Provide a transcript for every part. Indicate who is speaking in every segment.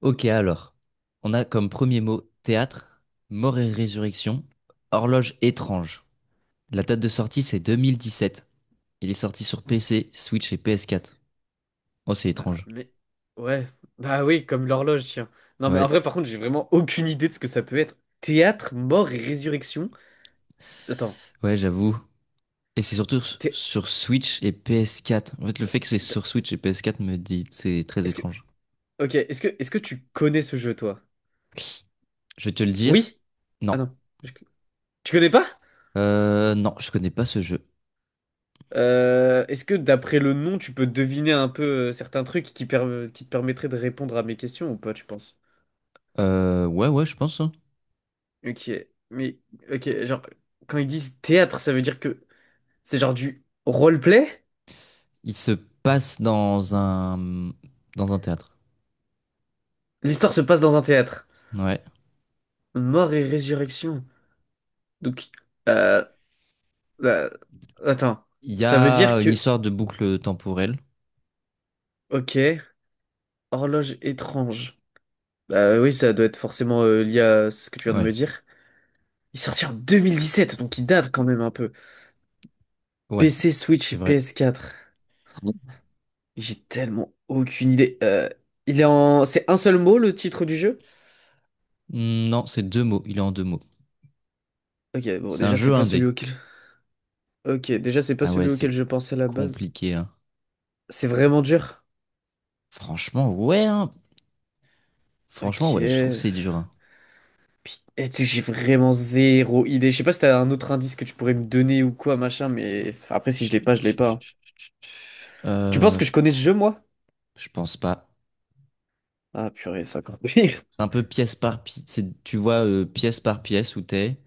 Speaker 1: Ok, alors, on a comme premier mot théâtre, mort et résurrection, horloge étrange. La date de sortie, c'est 2017. Il est sorti sur PC, Switch et PS4. Oh, c'est
Speaker 2: Bah,
Speaker 1: étrange.
Speaker 2: mais... Ouais, bah oui, comme l'horloge, tiens. Non, mais en
Speaker 1: Ouais,
Speaker 2: vrai, par contre, j'ai vraiment aucune idée de ce que ça peut être. Théâtre, mort et résurrection? Attends,
Speaker 1: ouais, j'avoue. Et c'est surtout
Speaker 2: thé-
Speaker 1: sur Switch et PS4. En fait, le fait que c'est
Speaker 2: t-
Speaker 1: sur Switch et PS4 me dit c'est très
Speaker 2: est-ce que...
Speaker 1: étrange.
Speaker 2: Ok, est-ce que tu connais ce jeu, toi?
Speaker 1: Je vais te le dire.
Speaker 2: Oui? Ah
Speaker 1: Non.
Speaker 2: non. Je- Tu connais pas?
Speaker 1: Non, je connais pas ce jeu.
Speaker 2: Est-ce que d'après le nom, tu peux deviner un peu certains trucs qui, qui te permettraient de répondre à mes questions ou pas, tu penses?
Speaker 1: Ouais, ouais, je pense, hein.
Speaker 2: Ok, mais ok, genre quand ils disent théâtre, ça veut dire que c'est genre du roleplay?
Speaker 1: Il se passe dans un théâtre.
Speaker 2: L'histoire se passe dans un théâtre.
Speaker 1: Ouais.
Speaker 2: Mort et résurrection. Donc, euh, bah, attends,
Speaker 1: Il y
Speaker 2: ça veut
Speaker 1: a
Speaker 2: dire
Speaker 1: une
Speaker 2: que
Speaker 1: histoire de boucle temporelle.
Speaker 2: ok, horloge étrange. Bah oui, ça doit être forcément lié à ce que tu viens de me
Speaker 1: Ouais,
Speaker 2: dire. Il est sorti en 2017, donc il date quand même un peu.
Speaker 1: ouais,
Speaker 2: PC, Switch
Speaker 1: c'est
Speaker 2: et
Speaker 1: vrai.
Speaker 2: PS4. J'ai tellement aucune idée. C'est un seul mot, le titre du jeu?
Speaker 1: Hmm, non, c'est deux mots. Il est en deux mots.
Speaker 2: Ok, bon,
Speaker 1: C'est un
Speaker 2: déjà, c'est
Speaker 1: jeu
Speaker 2: pas celui
Speaker 1: indé.
Speaker 2: auquel... Ok, déjà, c'est pas
Speaker 1: Ah ouais,
Speaker 2: celui
Speaker 1: c'est
Speaker 2: auquel je pensais à la base.
Speaker 1: compliqué, hein.
Speaker 2: C'est vraiment dur?
Speaker 1: Franchement, ouais, hein. Franchement, ouais, je trouve
Speaker 2: Ok...
Speaker 1: c'est dur, hein.
Speaker 2: Puis, tu sais, j'ai vraiment zéro idée. Je sais pas si t'as un autre indice que tu pourrais me donner ou quoi, machin, mais... enfin, après, si je l'ai pas, je l'ai pas, hein. Tu penses
Speaker 1: Euh,
Speaker 2: que je connais ce jeu, moi?
Speaker 1: je pense pas.
Speaker 2: Ah, purée, c'est encore pire.
Speaker 1: C'est un peu pièce par pièce. C'est, tu vois, pièce par pièce où t'es.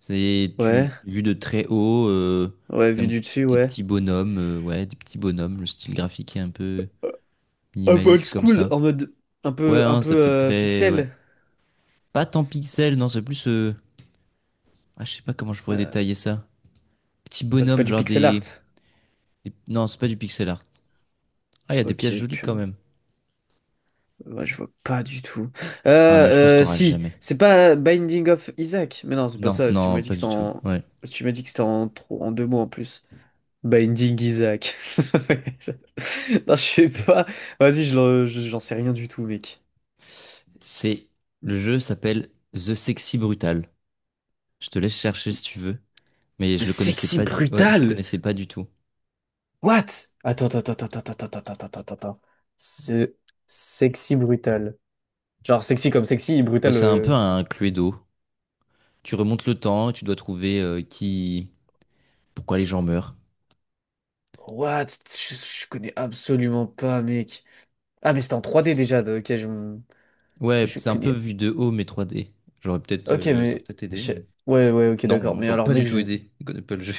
Speaker 1: C'est,
Speaker 2: Ouais,
Speaker 1: vu de très haut,
Speaker 2: ouais,
Speaker 1: t'es
Speaker 2: vu du dessus,
Speaker 1: des
Speaker 2: ouais.
Speaker 1: petits bonhommes, ouais, des petits bonhommes. Le style graphique est un peu
Speaker 2: Un peu old
Speaker 1: minimaliste comme
Speaker 2: school,
Speaker 1: ça.
Speaker 2: en mode... Un
Speaker 1: Ouais,
Speaker 2: peu, un
Speaker 1: hein,
Speaker 2: peu
Speaker 1: ça fait très, ouais.
Speaker 2: pixel.
Speaker 1: Pas tant pixel, non, c'est plus, ah, je sais pas comment je pourrais
Speaker 2: Euh,
Speaker 1: détailler ça. Petit
Speaker 2: Bah, c'est pas
Speaker 1: bonhomme,
Speaker 2: du
Speaker 1: genre
Speaker 2: pixel art.
Speaker 1: des. Non, c'est pas du pixel art. Ah, il y a des pièces
Speaker 2: Ok,
Speaker 1: jolies quand
Speaker 2: putain.
Speaker 1: même.
Speaker 2: Ouais, je vois pas du tout.
Speaker 1: Ah, mais je pense que t'auras
Speaker 2: Si,
Speaker 1: jamais.
Speaker 2: c'est pas Binding of Isaac. Mais non, c'est pas
Speaker 1: Non,
Speaker 2: ça. Tu
Speaker 1: non,
Speaker 2: m'as dit
Speaker 1: pas
Speaker 2: que c'était
Speaker 1: du tout.
Speaker 2: en...
Speaker 1: Ouais.
Speaker 2: Tu m'as dit que c'était en, en deux mots en plus. Binding Isaac. Non, je sais pas. Vas-y, j'en sais rien du tout, mec.
Speaker 1: C'est. Le jeu s'appelle The Sexy Brutal. Je te laisse chercher si tu veux. Mais
Speaker 2: Ce
Speaker 1: je le connaissais
Speaker 2: sexy
Speaker 1: pas, ouais, je
Speaker 2: brutal.
Speaker 1: connaissais pas du tout.
Speaker 2: What? Attends, attends, attends, attends, attends, attends, attends, attends, attends, attends. Ce sexy brutal. Genre sexy comme sexy
Speaker 1: Ouais,
Speaker 2: brutal.
Speaker 1: c'est un peu
Speaker 2: euh,
Speaker 1: un Cluedo. Tu remontes le temps, et tu dois trouver qui. Pourquoi les gens meurent.
Speaker 2: What? Je connais absolument pas, mec. Ah, mais c'était en 3D déjà. Ok, je...
Speaker 1: Ouais,
Speaker 2: Je
Speaker 1: c'est un peu
Speaker 2: connais.
Speaker 1: vu de haut, mais 3D. J'aurais peut-être,
Speaker 2: Ok,
Speaker 1: ça aurait
Speaker 2: mais.
Speaker 1: peut-être aidé,
Speaker 2: je-
Speaker 1: mais.
Speaker 2: Ouais, ouais, ok, d'accord.
Speaker 1: Non,
Speaker 2: Mais
Speaker 1: ils ont
Speaker 2: alors,
Speaker 1: pas
Speaker 2: mec,
Speaker 1: du tout
Speaker 2: je.
Speaker 1: aidé. Ils connaissent pas le jeu.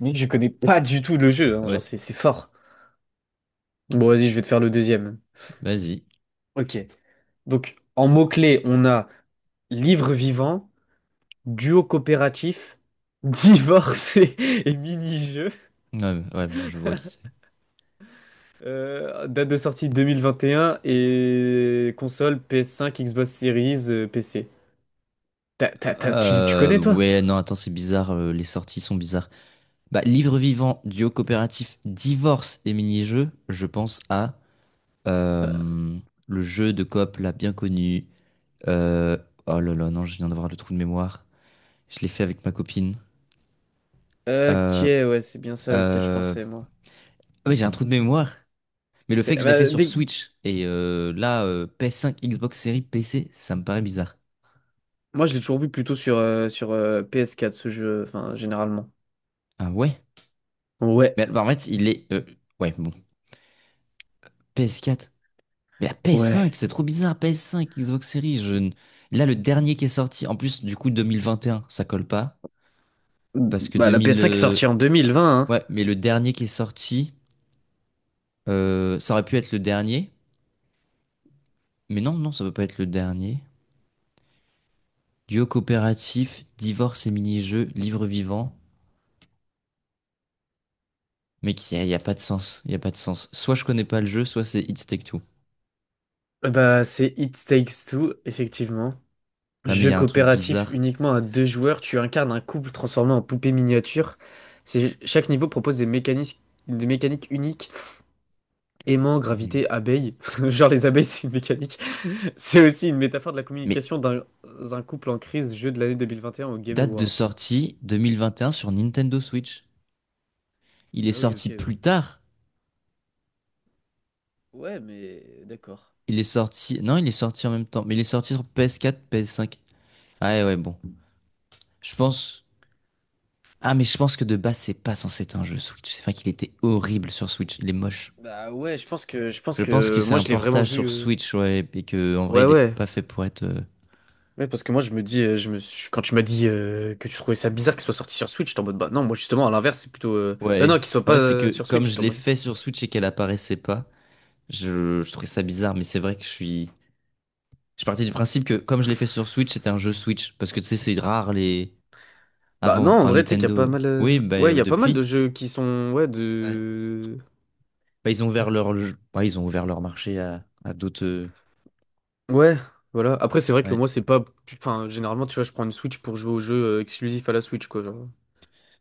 Speaker 2: Mec, je connais pas du tout le jeu, hein. Genre,
Speaker 1: Ouais,
Speaker 2: c'est fort. Bon, vas-y, je vais te faire le deuxième.
Speaker 1: vas-y.
Speaker 2: Ok. Donc, en mots-clés, on a livre vivant, duo coopératif, divorce et, et mini-jeu.
Speaker 1: Ouais, ouais, bon, je vois qui c'est.
Speaker 2: Date de sortie 2021 et un et console PS5, Xbox Series, PC. Tu connais, toi?
Speaker 1: Ouais, non, attends, c'est bizarre, les sorties sont bizarres. Bah, livre vivant, duo coopératif, divorce et mini-jeu. Je pense à
Speaker 2: Euh,
Speaker 1: euh, le jeu de coop là, bien connu. Euh, oh là là, non, je viens d'avoir le trou de mémoire. Je l'ai fait avec ma copine.
Speaker 2: Ok,
Speaker 1: Euh,
Speaker 2: ouais, c'est bien ça auquel je
Speaker 1: euh,
Speaker 2: pensais, moi.
Speaker 1: ah ouais, j'ai un trou de mémoire. Mais le
Speaker 2: C'est
Speaker 1: fait que je l'ai fait
Speaker 2: bah,
Speaker 1: sur
Speaker 2: dès-
Speaker 1: Switch et là, PS5, Xbox Series, PC, ça me paraît bizarre.
Speaker 2: Moi, je l'ai toujours vu plutôt sur PS4, ce jeu, enfin, généralement.
Speaker 1: Ah ouais?
Speaker 2: Ouais,
Speaker 1: Mais bah, en fait, il est, ouais, bon. PS4. Mais la PS5,
Speaker 2: ouais.
Speaker 1: c'est trop bizarre. PS5, Xbox Series. Je... Là, le dernier qui est sorti. En plus, du coup, 2021, ça colle pas. Parce que
Speaker 2: Bah, la
Speaker 1: 2000,
Speaker 2: PS5 est sortie en 2020, hein.
Speaker 1: ouais, mais le dernier qui est sorti, ça aurait pu être le dernier. Mais non, non, ça peut pas être le dernier. Duo coopératif, divorce et mini-jeu, livre vivant. Mais y a pas de sens. Il y a pas de sens. Soit je connais pas le jeu, soit c'est It's Take Two.
Speaker 2: Bah, c'est It Takes Two, effectivement.
Speaker 1: Non, mais il y
Speaker 2: Jeu
Speaker 1: a un truc
Speaker 2: coopératif
Speaker 1: bizarre.
Speaker 2: uniquement à deux joueurs, tu incarnes un couple transformé en poupée miniature. Chaque niveau propose des mécanismes, des mécaniques uniques. Aimant,
Speaker 1: Ah, mais, mais...
Speaker 2: gravité, abeille. Genre les abeilles, c'est une mécanique. C'est aussi une métaphore de la
Speaker 1: mais
Speaker 2: communication d'un couple en crise, jeu de l'année 2021 au Game
Speaker 1: date de
Speaker 2: Awards.
Speaker 1: sortie 2021 sur Nintendo Switch. Il est
Speaker 2: Ah oui,
Speaker 1: sorti
Speaker 2: ok,
Speaker 1: plus
Speaker 2: oui.
Speaker 1: tard.
Speaker 2: Ouais, mais d'accord.
Speaker 1: Il est sorti. Non, il est sorti en même temps. Mais il est sorti sur PS4, PS5. Ah ouais, ouais, bon. Je pense. Ah, mais je pense que de base, c'est pas censé être un jeu Switch. C'est vrai qu'il était horrible sur Switch. Il est moche.
Speaker 2: Bah ouais, je pense que je pense
Speaker 1: Je pense que
Speaker 2: que
Speaker 1: c'est
Speaker 2: moi
Speaker 1: un
Speaker 2: je l'ai vraiment
Speaker 1: portage
Speaker 2: vu.
Speaker 1: sur
Speaker 2: euh,
Speaker 1: Switch, ouais. Et que, en vrai,
Speaker 2: Ouais,
Speaker 1: il est
Speaker 2: ouais.
Speaker 1: pas fait pour être,
Speaker 2: Ouais parce que moi je me dis quand tu m'as dit que tu trouvais ça bizarre qu'il soit sorti sur Switch, j'étais en mode bah non, moi justement à l'inverse, c'est plutôt non,
Speaker 1: ouais.
Speaker 2: qu'il soit
Speaker 1: En
Speaker 2: pas
Speaker 1: fait, c'est que
Speaker 2: sur
Speaker 1: comme
Speaker 2: Switch,
Speaker 1: je
Speaker 2: j'étais en
Speaker 1: l'ai
Speaker 2: mode
Speaker 1: fait sur Switch et qu'elle apparaissait pas, je trouvais ça bizarre. Mais c'est vrai que je suis. Je partais du principe que comme je l'ai fait sur Switch, c'était un jeu Switch. Parce que tu sais, c'est rare les,
Speaker 2: bah
Speaker 1: avant,
Speaker 2: non, en
Speaker 1: enfin
Speaker 2: vrai tu sais qu'il y a pas
Speaker 1: Nintendo.
Speaker 2: mal
Speaker 1: Oui, bah
Speaker 2: ouais, il y a pas mal de
Speaker 1: depuis.
Speaker 2: jeux qui sont ouais
Speaker 1: Ouais.
Speaker 2: de
Speaker 1: Bah, ils ont ouvert leur marché à d'autres,
Speaker 2: ouais, voilà. Après c'est vrai que
Speaker 1: ouais.
Speaker 2: moi c'est pas enfin généralement tu vois, je prends une Switch pour jouer aux jeux exclusifs à la Switch quoi, genre.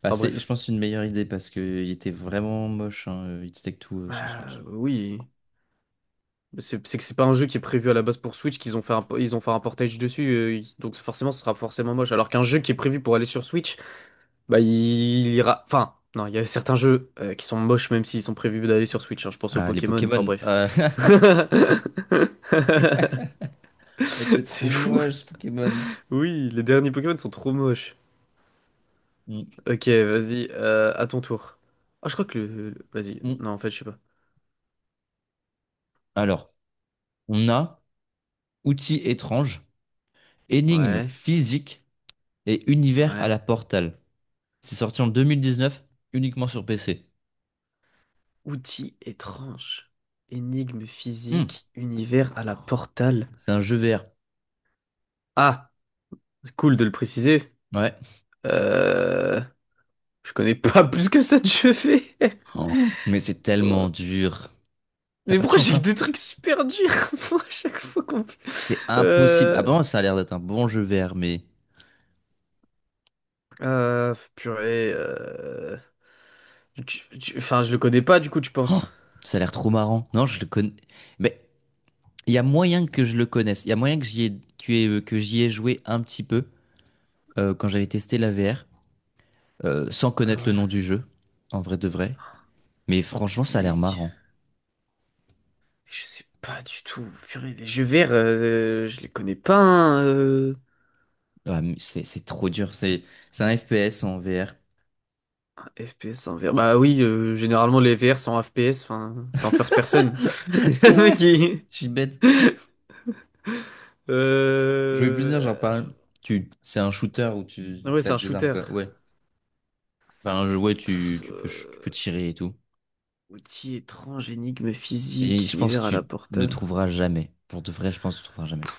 Speaker 1: Bah,
Speaker 2: Enfin
Speaker 1: c'est, je
Speaker 2: bref.
Speaker 1: pense, une meilleure idée parce que il était vraiment moche, hein, It's Take Two sur Switch.
Speaker 2: Oui. C'est que c'est pas un jeu qui est prévu à la base pour Switch, qu'ils ont fait un, ils ont fait un portage donc forcément ce sera forcément moche. Alors qu'un jeu qui est prévu pour aller sur Switch, bah il ira. Enfin, non, il y a certains jeux qui sont moches même s'ils sont prévus d'aller sur Switch, hein. Je pense aux
Speaker 1: Ah, les
Speaker 2: Pokémon, enfin
Speaker 1: Pokémon.
Speaker 2: bref.
Speaker 1: Ah, ouais, c'est trop
Speaker 2: C'est fou.
Speaker 1: moche, ce Pokémon.
Speaker 2: Oui, les derniers Pokémon sont trop moches.
Speaker 1: Mm,
Speaker 2: Ok, vas-y, à ton tour. Ah, je crois que vas-y,
Speaker 1: mm.
Speaker 2: non, en fait, je sais pas.
Speaker 1: Alors, on a outils étranges, énigmes
Speaker 2: Ouais,
Speaker 1: physiques et univers à
Speaker 2: ouais.
Speaker 1: la Portal. C'est sorti en 2019, uniquement sur PC.
Speaker 2: Outils étranges, énigme
Speaker 1: Mm.
Speaker 2: physique, univers à la portale.
Speaker 1: C'est un jeu VR.
Speaker 2: Ah! C'est cool de le préciser.
Speaker 1: Ouais.
Speaker 2: Euh, je connais pas plus que ça de chevet.
Speaker 1: Oh. Mais c'est tellement dur. T'as
Speaker 2: Mais
Speaker 1: pas de
Speaker 2: pourquoi j'ai
Speaker 1: chance,
Speaker 2: que
Speaker 1: hein?
Speaker 2: des trucs super durs moi, à chaque fois qu'on...
Speaker 1: C'est impossible. Ah,
Speaker 2: Euh...
Speaker 1: apparemment, ça a l'air d'être un bon jeu VR, mais...
Speaker 2: Purée... Enfin, je le connais pas du coup, tu
Speaker 1: Oh,
Speaker 2: penses?
Speaker 1: ça a l'air trop marrant. Non, je le connais. Mais il y a moyen que je le connaisse. Il y a moyen que j'y ai... que j'y ai joué un petit peu quand j'avais testé la VR, sans
Speaker 2: Ah
Speaker 1: connaître le
Speaker 2: ouais,
Speaker 1: nom du jeu, en vrai de vrai. Mais
Speaker 2: mais
Speaker 1: franchement, ça a l'air
Speaker 2: mec...
Speaker 1: marrant.
Speaker 2: Je sais pas du tout. Purée, les jeux verts, je les connais pas, hein.
Speaker 1: Ouais, mais c'est trop dur. C'est un FPS en VR.
Speaker 2: FPS en VR. Bah oui, généralement les VR sont en FPS, enfin, c'est en first person.
Speaker 1: C'est
Speaker 2: Le mec,
Speaker 1: vrai.
Speaker 2: il-
Speaker 1: Je suis bête. Je voulais plus dire, genre, par...
Speaker 2: Euh...
Speaker 1: tu... c'est un shooter où tu
Speaker 2: Ah ouais, c'est
Speaker 1: as
Speaker 2: un
Speaker 1: des armes,
Speaker 2: shooter.
Speaker 1: quoi. Ouais. Ben, ouais,
Speaker 2: Pff,
Speaker 1: tu peux
Speaker 2: euh,
Speaker 1: tirer et tout.
Speaker 2: Outil étrange, énigme
Speaker 1: Et
Speaker 2: physique,
Speaker 1: je pense que
Speaker 2: univers à la
Speaker 1: tu ne
Speaker 2: Portal.
Speaker 1: trouveras jamais. Pour de vrai, je pense que tu ne trouveras jamais.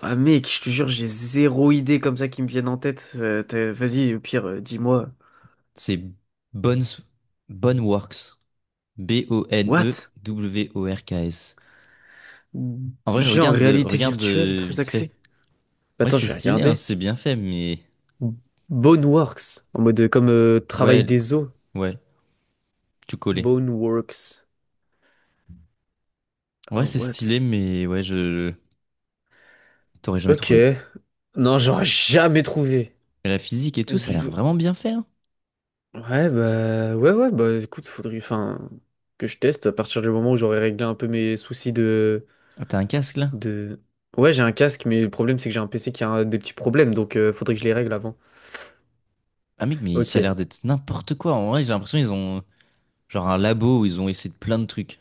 Speaker 2: Ah mec, je te jure, j'ai zéro idée comme ça qui me viennent en tête. Vas-y, au pire, dis-moi.
Speaker 1: C'est Bones, Boneworks.
Speaker 2: What?
Speaker 1: Boneworks. En vrai,
Speaker 2: Jeu en
Speaker 1: regarde,
Speaker 2: réalité virtuelle, très
Speaker 1: vite fait.
Speaker 2: axé.
Speaker 1: Ouais,
Speaker 2: Attends,
Speaker 1: c'est
Speaker 2: je vais
Speaker 1: stylé, hein,
Speaker 2: regarder.
Speaker 1: c'est bien fait, mais...
Speaker 2: Boneworks, en mode comme
Speaker 1: Ouais,
Speaker 2: travail des os.
Speaker 1: ouais, tu collais.
Speaker 2: Boneworks.
Speaker 1: Ouais,
Speaker 2: Ah
Speaker 1: c'est
Speaker 2: what?
Speaker 1: stylé, mais ouais, je... T'aurais jamais
Speaker 2: Ok.
Speaker 1: trouvé.
Speaker 2: Non, j'aurais jamais trouvé.
Speaker 1: Et la physique et tout, ça a
Speaker 2: Du
Speaker 1: l'air
Speaker 2: tout.
Speaker 1: vraiment bien fait, hein.
Speaker 2: Ouais, bah, ouais, ouais, bah, écoute, faudrait, enfin, que je teste à partir du moment où j'aurai réglé un peu mes soucis de,
Speaker 1: Ah, t'as un casque, là?
Speaker 2: de... Ouais, j'ai un casque, mais le problème, c'est que j'ai un PC qui a des petits problèmes, donc faudrait que je les règle avant.
Speaker 1: Ah mec, mais
Speaker 2: Ok,
Speaker 1: ça a l'air d'être n'importe quoi. En vrai, j'ai l'impression qu'ils ont genre un labo où ils ont essayé de plein de trucs.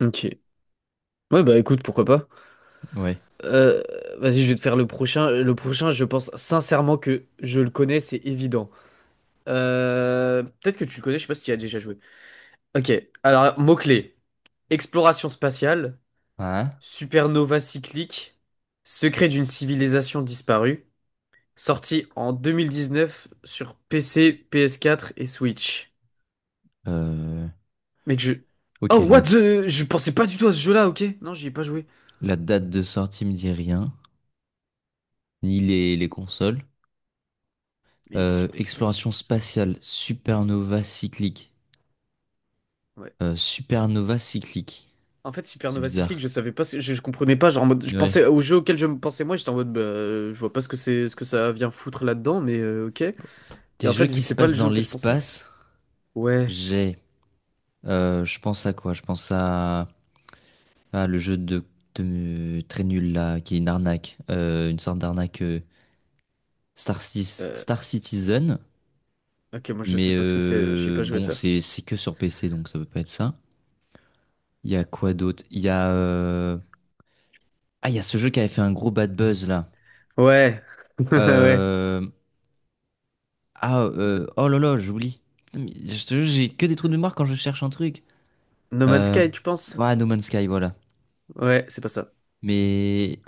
Speaker 2: ok. Ouais, bah, écoute, pourquoi pas.
Speaker 1: Ouais.
Speaker 2: Euh, Vas-y, je vais te faire le prochain. Le prochain, je pense sincèrement que je le connais, c'est évident. Peut-être que tu le connais, je sais pas si tu y as déjà joué. Ok, alors, mots clés: exploration spatiale,
Speaker 1: Hein?
Speaker 2: supernova cyclique, secret d'une civilisation disparue, sorti en 2019 sur PC, PS4 et Switch.
Speaker 1: Euh,
Speaker 2: Mec, je...
Speaker 1: ok,
Speaker 2: Oh, what
Speaker 1: la,
Speaker 2: the... Je pensais pas du tout à ce jeu-là, ok? Non, j'y ai pas joué.
Speaker 1: la date de sortie me dit rien, ni les consoles.
Speaker 2: Mec, je pensais pas du tout à
Speaker 1: Exploration
Speaker 2: ce
Speaker 1: spatiale, supernova cyclique.
Speaker 2: jeu-là. Ouais.
Speaker 1: Supernova cyclique.
Speaker 2: En fait,
Speaker 1: C'est
Speaker 2: Supernova Cyclique,
Speaker 1: bizarre.
Speaker 2: je savais pas, je comprenais pas, genre en mode, je
Speaker 1: Ouais.
Speaker 2: pensais au jeu auquel je me pensais moi, j'étais en mode, bah, je vois pas ce que c'est, ce que ça vient foutre là-dedans, mais ok. Et
Speaker 1: Des
Speaker 2: en
Speaker 1: jeux
Speaker 2: fait, vu
Speaker 1: qui
Speaker 2: que
Speaker 1: se
Speaker 2: c'est pas le
Speaker 1: passent
Speaker 2: jeu
Speaker 1: dans
Speaker 2: auquel je pensais,
Speaker 1: l'espace,
Speaker 2: ouais.
Speaker 1: j'ai, je pense à quoi? Je pense à, le jeu très nul là, qui est une arnaque. Une sorte d'arnaque
Speaker 2: Euh,
Speaker 1: Star Citizen.
Speaker 2: ok, moi je
Speaker 1: Mais
Speaker 2: sais pas ce que c'est, j'ai pas joué
Speaker 1: bon,
Speaker 2: ça.
Speaker 1: c'est que sur PC, donc ça peut pas être ça. Il y a quoi d'autre? Il y a ce jeu qui avait fait un gros bad buzz là.
Speaker 2: Ouais, ouais.
Speaker 1: Euh, oh là là, j'oublie. Putain, mais je te jure j'ai que des trous de mémoire quand je cherche un truc.
Speaker 2: No Man's
Speaker 1: Euh...
Speaker 2: Sky, tu penses?
Speaker 1: Ouais, No Man's Sky, voilà.
Speaker 2: Ouais, c'est pas ça.
Speaker 1: Mais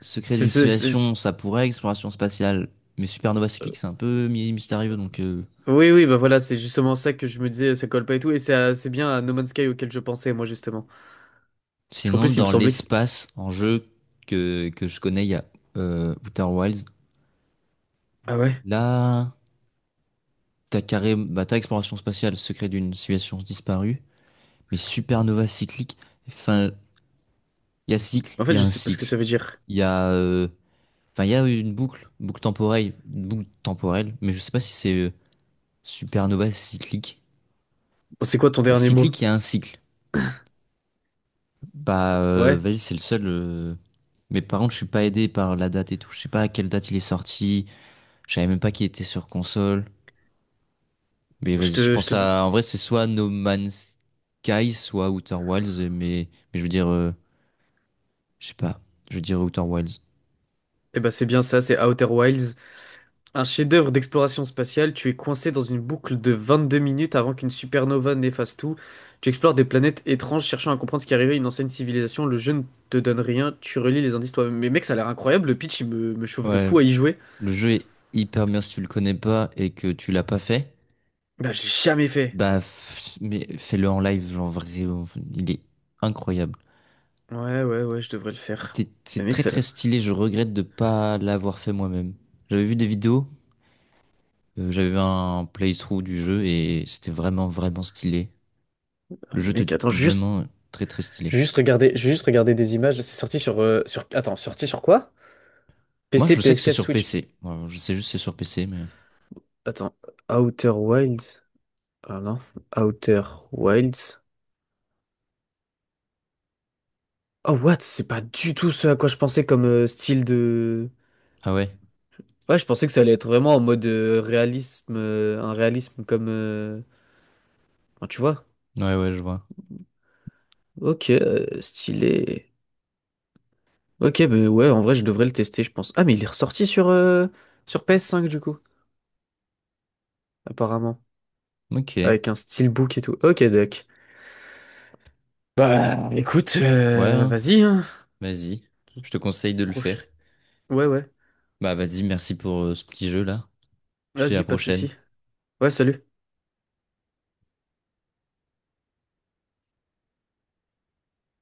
Speaker 1: Secret
Speaker 2: C'est
Speaker 1: d'une
Speaker 2: ce,
Speaker 1: civilisation ça pourrait exploration spatiale. Mais Supernova Cyclique c'est un peu mystérieux donc,
Speaker 2: oui, oui, bah voilà, c'est justement ça que je me disais, ça colle pas et tout, et c'est bien à No Man's Sky auquel je pensais, moi, justement. Parce qu'en
Speaker 1: sinon
Speaker 2: plus, il me
Speaker 1: dans
Speaker 2: semblait que...
Speaker 1: l'espace en jeu que je connais il y a Outer Wilds.
Speaker 2: Ah ouais?
Speaker 1: Là t'as carré bah t'as exploration spatiale Secret d'une civilisation disparue. Mais supernova cyclique, enfin, il y a cycle,
Speaker 2: En
Speaker 1: il
Speaker 2: fait,
Speaker 1: y a
Speaker 2: je
Speaker 1: un
Speaker 2: sais pas ce que
Speaker 1: cycle,
Speaker 2: ça veut dire.
Speaker 1: il y a, enfin, il y a une boucle, boucle temporelle, mais je sais pas si c'est supernova cyclique.
Speaker 2: Bon, c'est quoi ton dernier mot?
Speaker 1: Cyclique, il y a un cycle. Bah,
Speaker 2: Ouais?
Speaker 1: vas-y, c'est le seul, mais par contre, je suis pas aidé par la date et tout. Je sais pas à quelle date il est sorti. Je savais même pas qu'il était sur console. Mais
Speaker 2: Je
Speaker 1: vas-y,
Speaker 2: te...
Speaker 1: je
Speaker 2: Je
Speaker 1: pense
Speaker 2: te...
Speaker 1: à, en vrai, c'est soit No Man's Sky, soit Outer Wilds, mais je veux dire, je sais pas, je veux dire Outer Wilds.
Speaker 2: Eh ben c'est bien ça, c'est Outer Wilds. Un chef-d'œuvre d'exploration spatiale, tu es coincé dans une boucle de 22 minutes avant qu'une supernova n'efface tout. Tu explores des planètes étranges, cherchant à comprendre ce qui arrivait à une ancienne civilisation. Le jeu ne te donne rien, tu relis les indices toi-même. Mais mec, ça a l'air incroyable, le pitch, il me chauffe de
Speaker 1: Ouais,
Speaker 2: fou à y jouer.
Speaker 1: le jeu est hyper bien si tu le connais pas et que tu l'as pas fait.
Speaker 2: Bah, j'ai jamais fait.
Speaker 1: Bah, mais fais-le en live, genre vraiment, il est incroyable.
Speaker 2: Ouais, ouais, ouais, je devrais le faire. Mais
Speaker 1: C'est
Speaker 2: mec,
Speaker 1: très très
Speaker 2: celle-là.
Speaker 1: stylé, je regrette de pas l'avoir fait moi-même. J'avais vu des vidéos, j'avais vu un playthrough du jeu et c'était vraiment vraiment stylé.
Speaker 2: Ah,
Speaker 1: Le jeu
Speaker 2: mais
Speaker 1: était
Speaker 2: mec, attends, j'ai juste.
Speaker 1: vraiment très très stylé.
Speaker 2: J'ai juste regardé des images. C'est sorti sur. Attends, sorti sur quoi?
Speaker 1: Moi
Speaker 2: PC,
Speaker 1: je sais que
Speaker 2: ps
Speaker 1: c'est
Speaker 2: quatre,
Speaker 1: sur
Speaker 2: Switch.
Speaker 1: PC. Moi, je sais juste que c'est sur PC mais...
Speaker 2: Attends, Outer Wilds. Ah non, Outer Wilds. Oh what? C'est pas du tout ce à quoi je pensais comme style de.
Speaker 1: Ah ouais,
Speaker 2: Ouais, je pensais que ça allait être vraiment en mode réalisme, un réalisme comme, enfin, tu vois?
Speaker 1: ouais ouais je vois.
Speaker 2: Ok, stylé. Ok, mais ouais, en vrai, je devrais le tester, je pense. Ah, mais il est ressorti sur PS5 du coup, apparemment.
Speaker 1: Ok, ouais,
Speaker 2: Avec un steelbook et tout. Ok, doc. Bah, écoute,
Speaker 1: hein.
Speaker 2: vas-y, hein.
Speaker 1: Vas-y, je te conseille de le
Speaker 2: Proche.
Speaker 1: faire.
Speaker 2: Ouais, ouais.
Speaker 1: Bah vas-y, merci pour ce petit jeu là. Je te dis à la
Speaker 2: Vas-y, pas de
Speaker 1: prochaine.
Speaker 2: souci. Ouais, salut.